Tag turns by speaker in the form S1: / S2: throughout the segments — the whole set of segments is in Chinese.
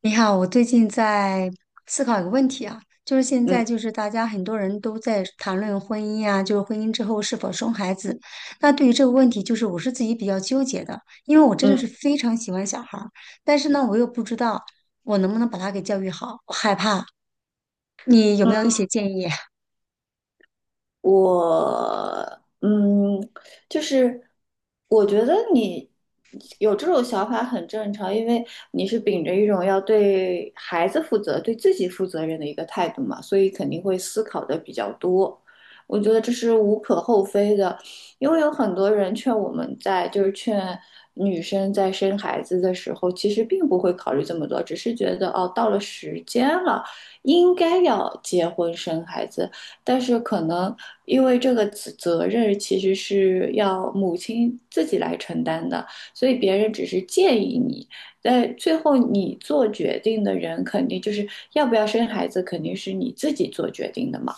S1: 你好，我最近在思考一个问题啊，就是现在
S2: 嗯
S1: 就是大家很多人都在谈论婚姻啊，就是婚姻之后是否生孩子。那对于这个问题，就是我是自己比较纠结的，因为我真
S2: 嗯
S1: 的
S2: 嗯。
S1: 是非常喜欢小孩儿，但是呢，我又不知道我能不能把他给教育好，我害怕。你有没有一些建议？
S2: 我就是我觉得你有这种想法很正常，因为你是秉着一种要对孩子负责、对自己负责任的一个态度嘛，所以肯定会思考的比较多。我觉得这是无可厚非的，因为有很多人劝我们在，就是劝女生在生孩子的时候，其实并不会考虑这么多，只是觉得哦，到了时间了，应该要结婚生孩子。但是可能因为这个责任其实是要母亲自己来承担的，所以别人只是建议你，但最后你做决定的人肯定就是要不要生孩子，肯定是你自己做决定的嘛。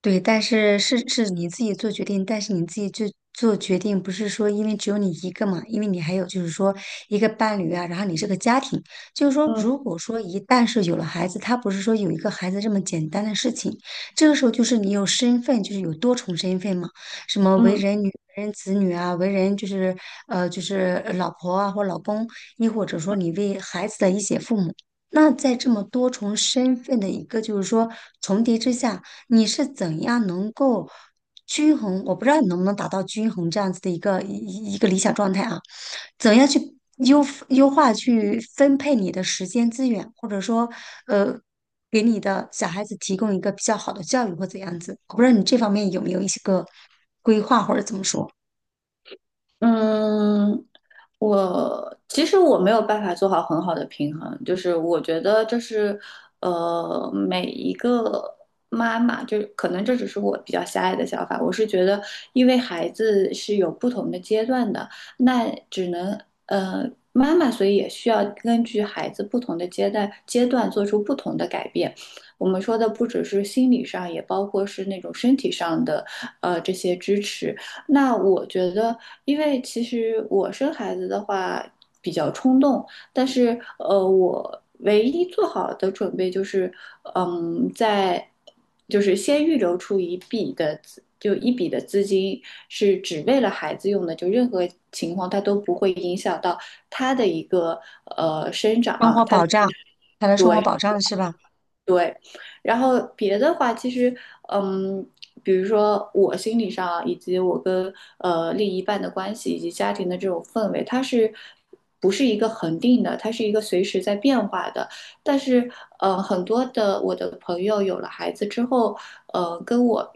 S1: 对，但是你自己做决定，但是你自己就做决定，不是说因为只有你一个嘛，因为你还有就是说一个伴侣啊，然后你这个家庭，就是说
S2: 嗯
S1: 如果说一旦是有了孩子，他不是说有一个孩子这么简单的事情，这个时候就是你有身份，就是有多重身份嘛，什么为
S2: 嗯。
S1: 人女、为人子女啊，为人就是就是老婆啊或老公，亦或者说你为孩子的一些父母。那在这么多重身份的一个就是说重叠之下。你是怎样能够均衡？我不知道你能不能达到均衡这样子的一个一个理想状态啊？怎样去优化去分配你的时间资源，或者说呃，给你的小孩子提供一个比较好的教育或怎样子？我不知道你这方面有没有一些个规划或者怎么说，
S2: 嗯，我其实我没有办法做好很好的平衡，就是我觉得这是每一个妈妈，就可能这只是我比较狭隘的想法，我是觉得因为孩子是有不同的阶段的，那只能妈妈，所以也需要根据孩子不同的阶段做出不同的改变。我们说的不只是心理上，也包括是那种身体上的这些支持。那我觉得，因为其实我生孩子的话比较冲动，但是我唯一做好的准备就是，嗯，在就是先预留出一笔的资，就一笔的资金是只为了孩子用的，就任何情况它都不会影响到他的一个生长。
S1: 生活保障，他的生活
S2: 对。
S1: 保障是吧？
S2: 对，然后别的话，其实，嗯，比如说我心理上啊以及我跟另一半的关系，以及家庭的这种氛围，它是不是一个恒定的？它是一个随时在变化的。但是，很多的我的朋友有了孩子之后，跟我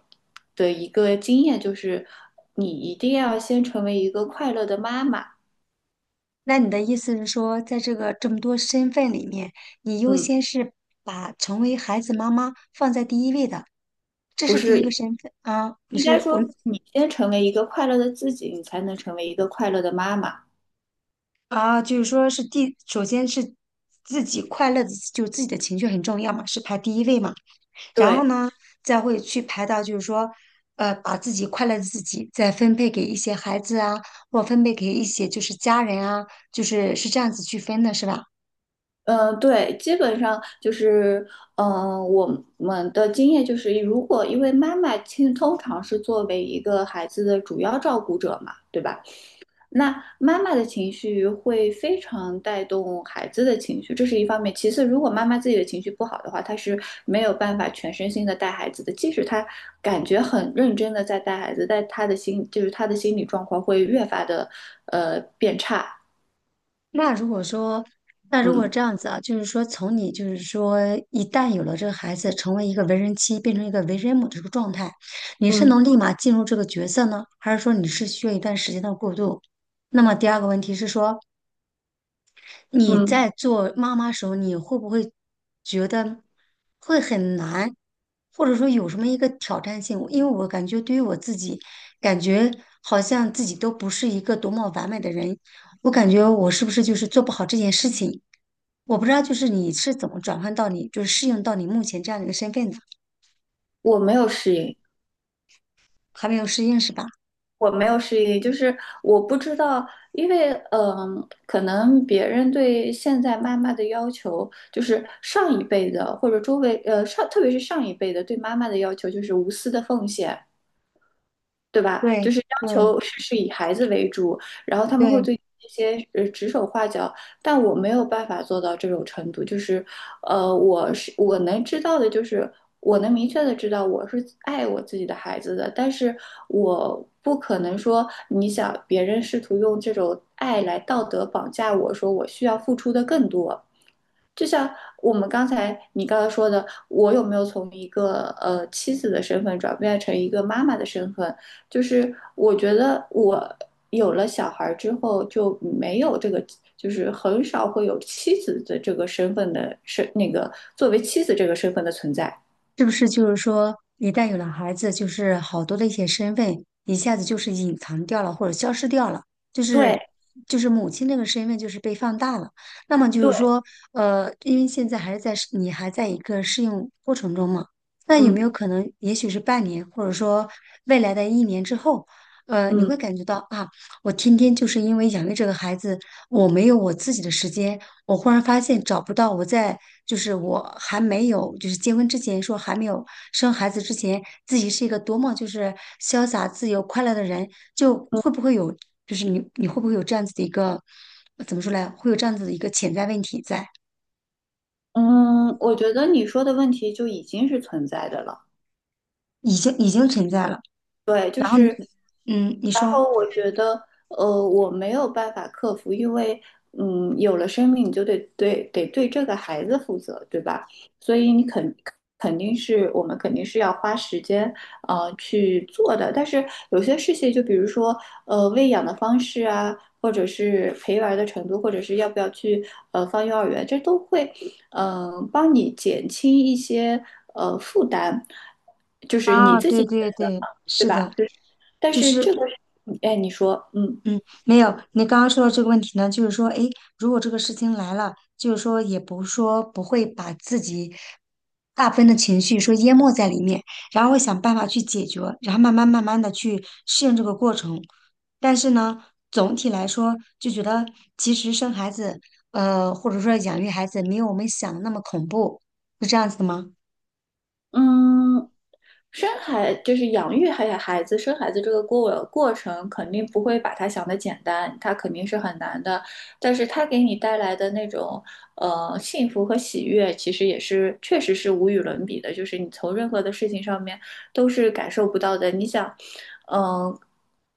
S2: 的一个经验就是，你一定要先成为一个快乐的妈妈。
S1: 那你的意思是说，在这个这么多身份里面，你优
S2: 嗯，
S1: 先是把成为孩子妈妈放在第一位的，这
S2: 不
S1: 是第一个
S2: 是，
S1: 身份啊？你
S2: 应该
S1: 是我
S2: 说你先成为一个快乐的自己，你才能成为一个快乐的妈妈。
S1: 啊，就是说是第，首先是自己快乐的，就自己的情绪很重要嘛，是排第一位嘛。然后
S2: 对，
S1: 呢，再会去排到就是说，把自己快乐的自己再分配给一些孩子啊，或分配给一些就是家人啊，就是是这样子去分的，是吧？
S2: 嗯，对，基本上就是，嗯、我们的经验就是，如果因为妈妈其实通常是作为一个孩子的主要照顾者嘛，对吧？那妈妈的情绪会非常带动孩子的情绪，这是一方面。其次，如果妈妈自己的情绪不好的话，她是没有办法全身心的带孩子的，即使她感觉很认真的在带孩子，但她的心就是她的心理状况会越发的变差。
S1: 那如果说，那如果
S2: 嗯
S1: 这样子啊，就是说，从你就是说，一旦有了这个孩子成为一个为人妻，变成一个为人母的这个状态，你是
S2: 嗯
S1: 能立马进入这个角色呢，还是说你是需要一段时间的过渡？那么第二个问题是说，你
S2: 嗯，
S1: 在做妈妈时候，你会不会觉得会很难，或者说有什么一个挑战性？因为我感觉对于我自己，感觉好像自己都不是一个多么完美的人，我感觉我是不是就是做不好这件事情？我不知道，就是你是怎么转换到你，就是适应到你目前这样的一个身份的，
S2: 我没有适应。
S1: 还没有适应是吧？
S2: 我没有失忆，就是我不知道，因为嗯，可能别人对现在妈妈的要求，就是上一辈的或者周围上，特别是上一辈的对妈妈的要求就是无私的奉献，对吧？就
S1: 对
S2: 是要
S1: 对
S2: 求事事以孩子为主，然后他们会
S1: 对。
S2: 对这些指手画脚，但我没有办法做到这种程度。就是，我是我能知道的，就是我能明确的知道我是爱我自己的孩子的，但是我不可能说你想别人试图用这种爱来道德绑架我，说我需要付出的更多。就像我们刚才你刚才说的，我有没有从一个妻子的身份转变成一个妈妈的身份？就是我觉得我有了小孩儿之后就没有这个，就是很少会有妻子的这个身份的身那个作为妻子这个身份的存在。
S1: 是不是就是说，一旦有了孩子，就是好多的一些身份一下子就是隐藏掉了，或者消失掉了，就
S2: 对
S1: 是就是母亲这个身份就是被放大了。那么就
S2: 对，
S1: 是说，因为现在还是在适你还在一个适应过程中嘛，那有没
S2: 嗯
S1: 有可能，也许是半年，或者说未来的一年之后，你
S2: 嗯
S1: 会感觉到啊，我天天就是因为养育这个孩子。我没有我自己的时间，我忽然发现找不到我在，就是我还没有，就是结婚之前说还没有生孩子之前，自己是一个多么就是潇洒、自由、快乐的人，就会不会有，就是你会不会有这样子的一个，怎么说来，会有这样子的一个潜在问题在，
S2: 嗯，我觉得你说的问题就已经是存在的了。
S1: 已经存在了。
S2: 对，就
S1: 然后你，
S2: 是。
S1: 你
S2: 然
S1: 说
S2: 后我觉得，我没有办法克服，因为，嗯，有了生命，你就得对这个孩子负责，对吧？所以你肯肯定是我们肯定是要花时间，去做的。但是有些事情，就比如说，喂养的方式啊，或者是陪玩儿的程度，或者是要不要去放幼儿园，这都会，帮你减轻一些负担，就是你
S1: 啊，
S2: 自己
S1: 对
S2: 选
S1: 对
S2: 择
S1: 对，
S2: 嘛，对
S1: 是
S2: 吧？
S1: 的，
S2: 就是但
S1: 就
S2: 是
S1: 是
S2: 这个。哎，你说，嗯
S1: 嗯，没有。你刚刚说的这个问题呢，就是说，诶，如果这个事情来了，就是说，也不说不会把自己大部分的情绪说淹没在里面，然后会想办法去解决，然后慢慢的去适应这个过程。但是呢，总体来说，就觉得其实生孩子，或者说养育孩子，没有我们想的那么恐怖，是这样子的吗？
S2: 嗯。生孩就是养育孩子、生孩子这个过程，肯定不会把它想的简单，它肯定是很难的。但是它给你带来的那种幸福和喜悦，其实也是确实是无与伦比的。就是你从任何的事情上面都是感受不到的。你想，嗯、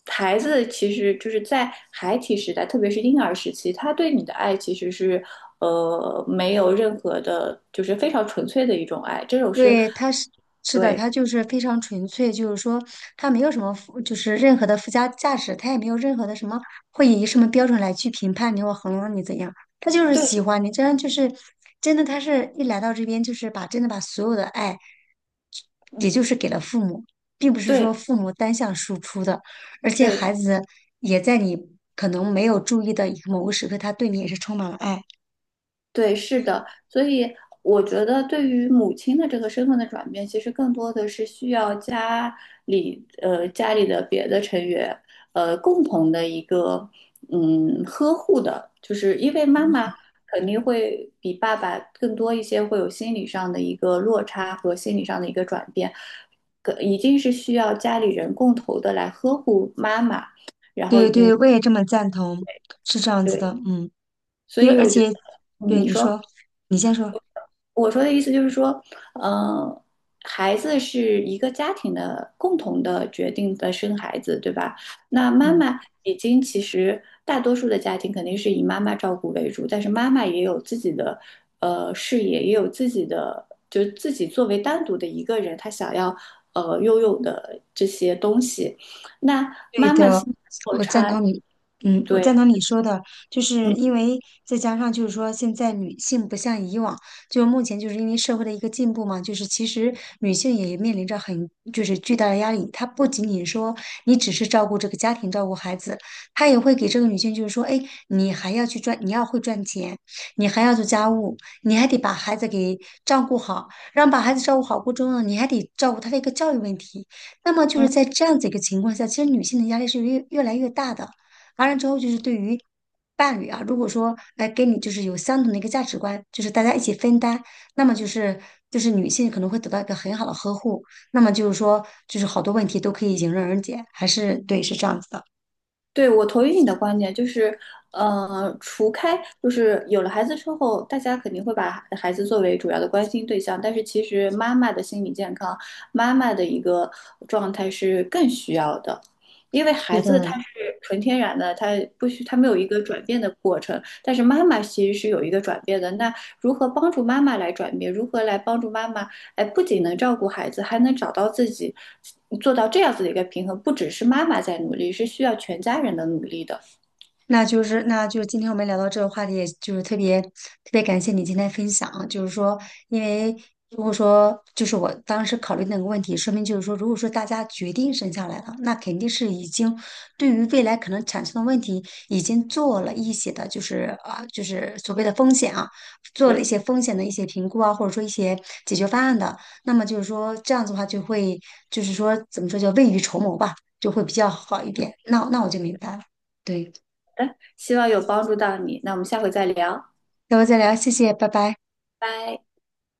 S2: 孩子其实就是在孩提时代，特别是婴儿时期，他对你的爱其实是没有任何的，就是非常纯粹的一种爱。这种是
S1: 对，是的，
S2: 对。
S1: 他就是非常纯粹，就是说他没有什么就是任何的附加价值，他也没有任何的什么会以什么标准来去评判你或衡量你怎样，他就是
S2: 对，
S1: 喜欢你，这样就是真的，他是一来到这边就是把真的把所有的爱，也就是给了父母，并不是说
S2: 对
S1: 父母单向输出的，而且
S2: 对
S1: 孩子也在你可能没有注意的某个时刻，他对你也是充满了爱。
S2: 对，是的，所以我觉得对于母亲的这个身份的转变，其实更多的是需要家里的别的成员共同的一个嗯呵护的，就是因为妈妈肯定会比爸爸更多一些，会有心理上的一个落差和心理上的一个转变，可一定是需要家里人共同的来呵护妈妈，然后
S1: 对
S2: 引
S1: 对，我也这么赞同，是这样子的，
S2: 对，
S1: 嗯。
S2: 所
S1: 因为
S2: 以
S1: 而
S2: 我觉
S1: 且，
S2: 得嗯
S1: 对
S2: 你
S1: 你
S2: 说。
S1: 说，你先说，
S2: 我说的意思就是说，呃，孩子是一个家庭的共同的决定的生孩子，对吧？那妈
S1: 嗯。
S2: 妈已经其实大多数的家庭肯定是以妈妈照顾为主，但是妈妈也有自己的事业，也有自己的，就是自己作为单独的一个人，她想要拥有的这些东西。那
S1: 对
S2: 妈妈
S1: 的，
S2: 心里落
S1: 我赞
S2: 差，
S1: 同你，我赞
S2: 对。
S1: 同你说的，就是
S2: 嗯。
S1: 因为再加上就是说，现在女性不像以往，就目前就是因为社会的一个进步嘛，就是其实女性也面临着很就是巨大的压力，她不仅仅说你只是照顾这个家庭、照顾孩子，她也会给这个女性就是说，哎，你还要去赚，你要会赚钱，你还要做家务，你还得把孩子给照顾好，让把孩子照顾好过程中呢，你还得照顾他的一个教育问题。那么就是在这样子一个情况下，其实女性的压力是越来越大的。完了之后，就是对于伴侣啊，如果说哎跟你就是有相同的一个价值观，就是大家一起分担，那么就是女性可能会得到一个很好的呵护。那么就是说，就是好多问题都可以迎刃而解，还是对，是这样子的。
S2: 对，我同意你的观点，就是，除开就是有了孩子之后，大家肯定会把孩子作为主要的关心对象，但是其实妈妈的心理健康，妈妈的一个状态是更需要的，因为孩
S1: 对的，
S2: 子他是纯天然的，他不需他没有一个转变的过程，但是妈妈其实是有一个转变的。那如何帮助妈妈来转变？如何来帮助妈妈哎，不仅能照顾孩子，还能找到自己，做到这样子的一个平衡。不只是妈妈在努力，是需要全家人的努力的。
S1: 那就是今天我们聊到这个话题，也就是特别特别感谢你今天分享啊，就是说，因为如果说就是我当时考虑那个问题，说明就是说，如果说大家决定生下来了，那肯定是已经对于未来可能产生的问题已经做了一些的，就是啊，就是所谓的风险啊，做了一
S2: 对，
S1: 些风险的一些评估啊，或者说一些解决方案的，那么就是说这样子的话，就会就是说怎么说叫未雨绸缪吧，就会比较好一点。那我就明白了，对。
S2: 希望有帮助到你。那我们下回再聊，
S1: 那我再聊，谢谢，拜拜。
S2: 拜。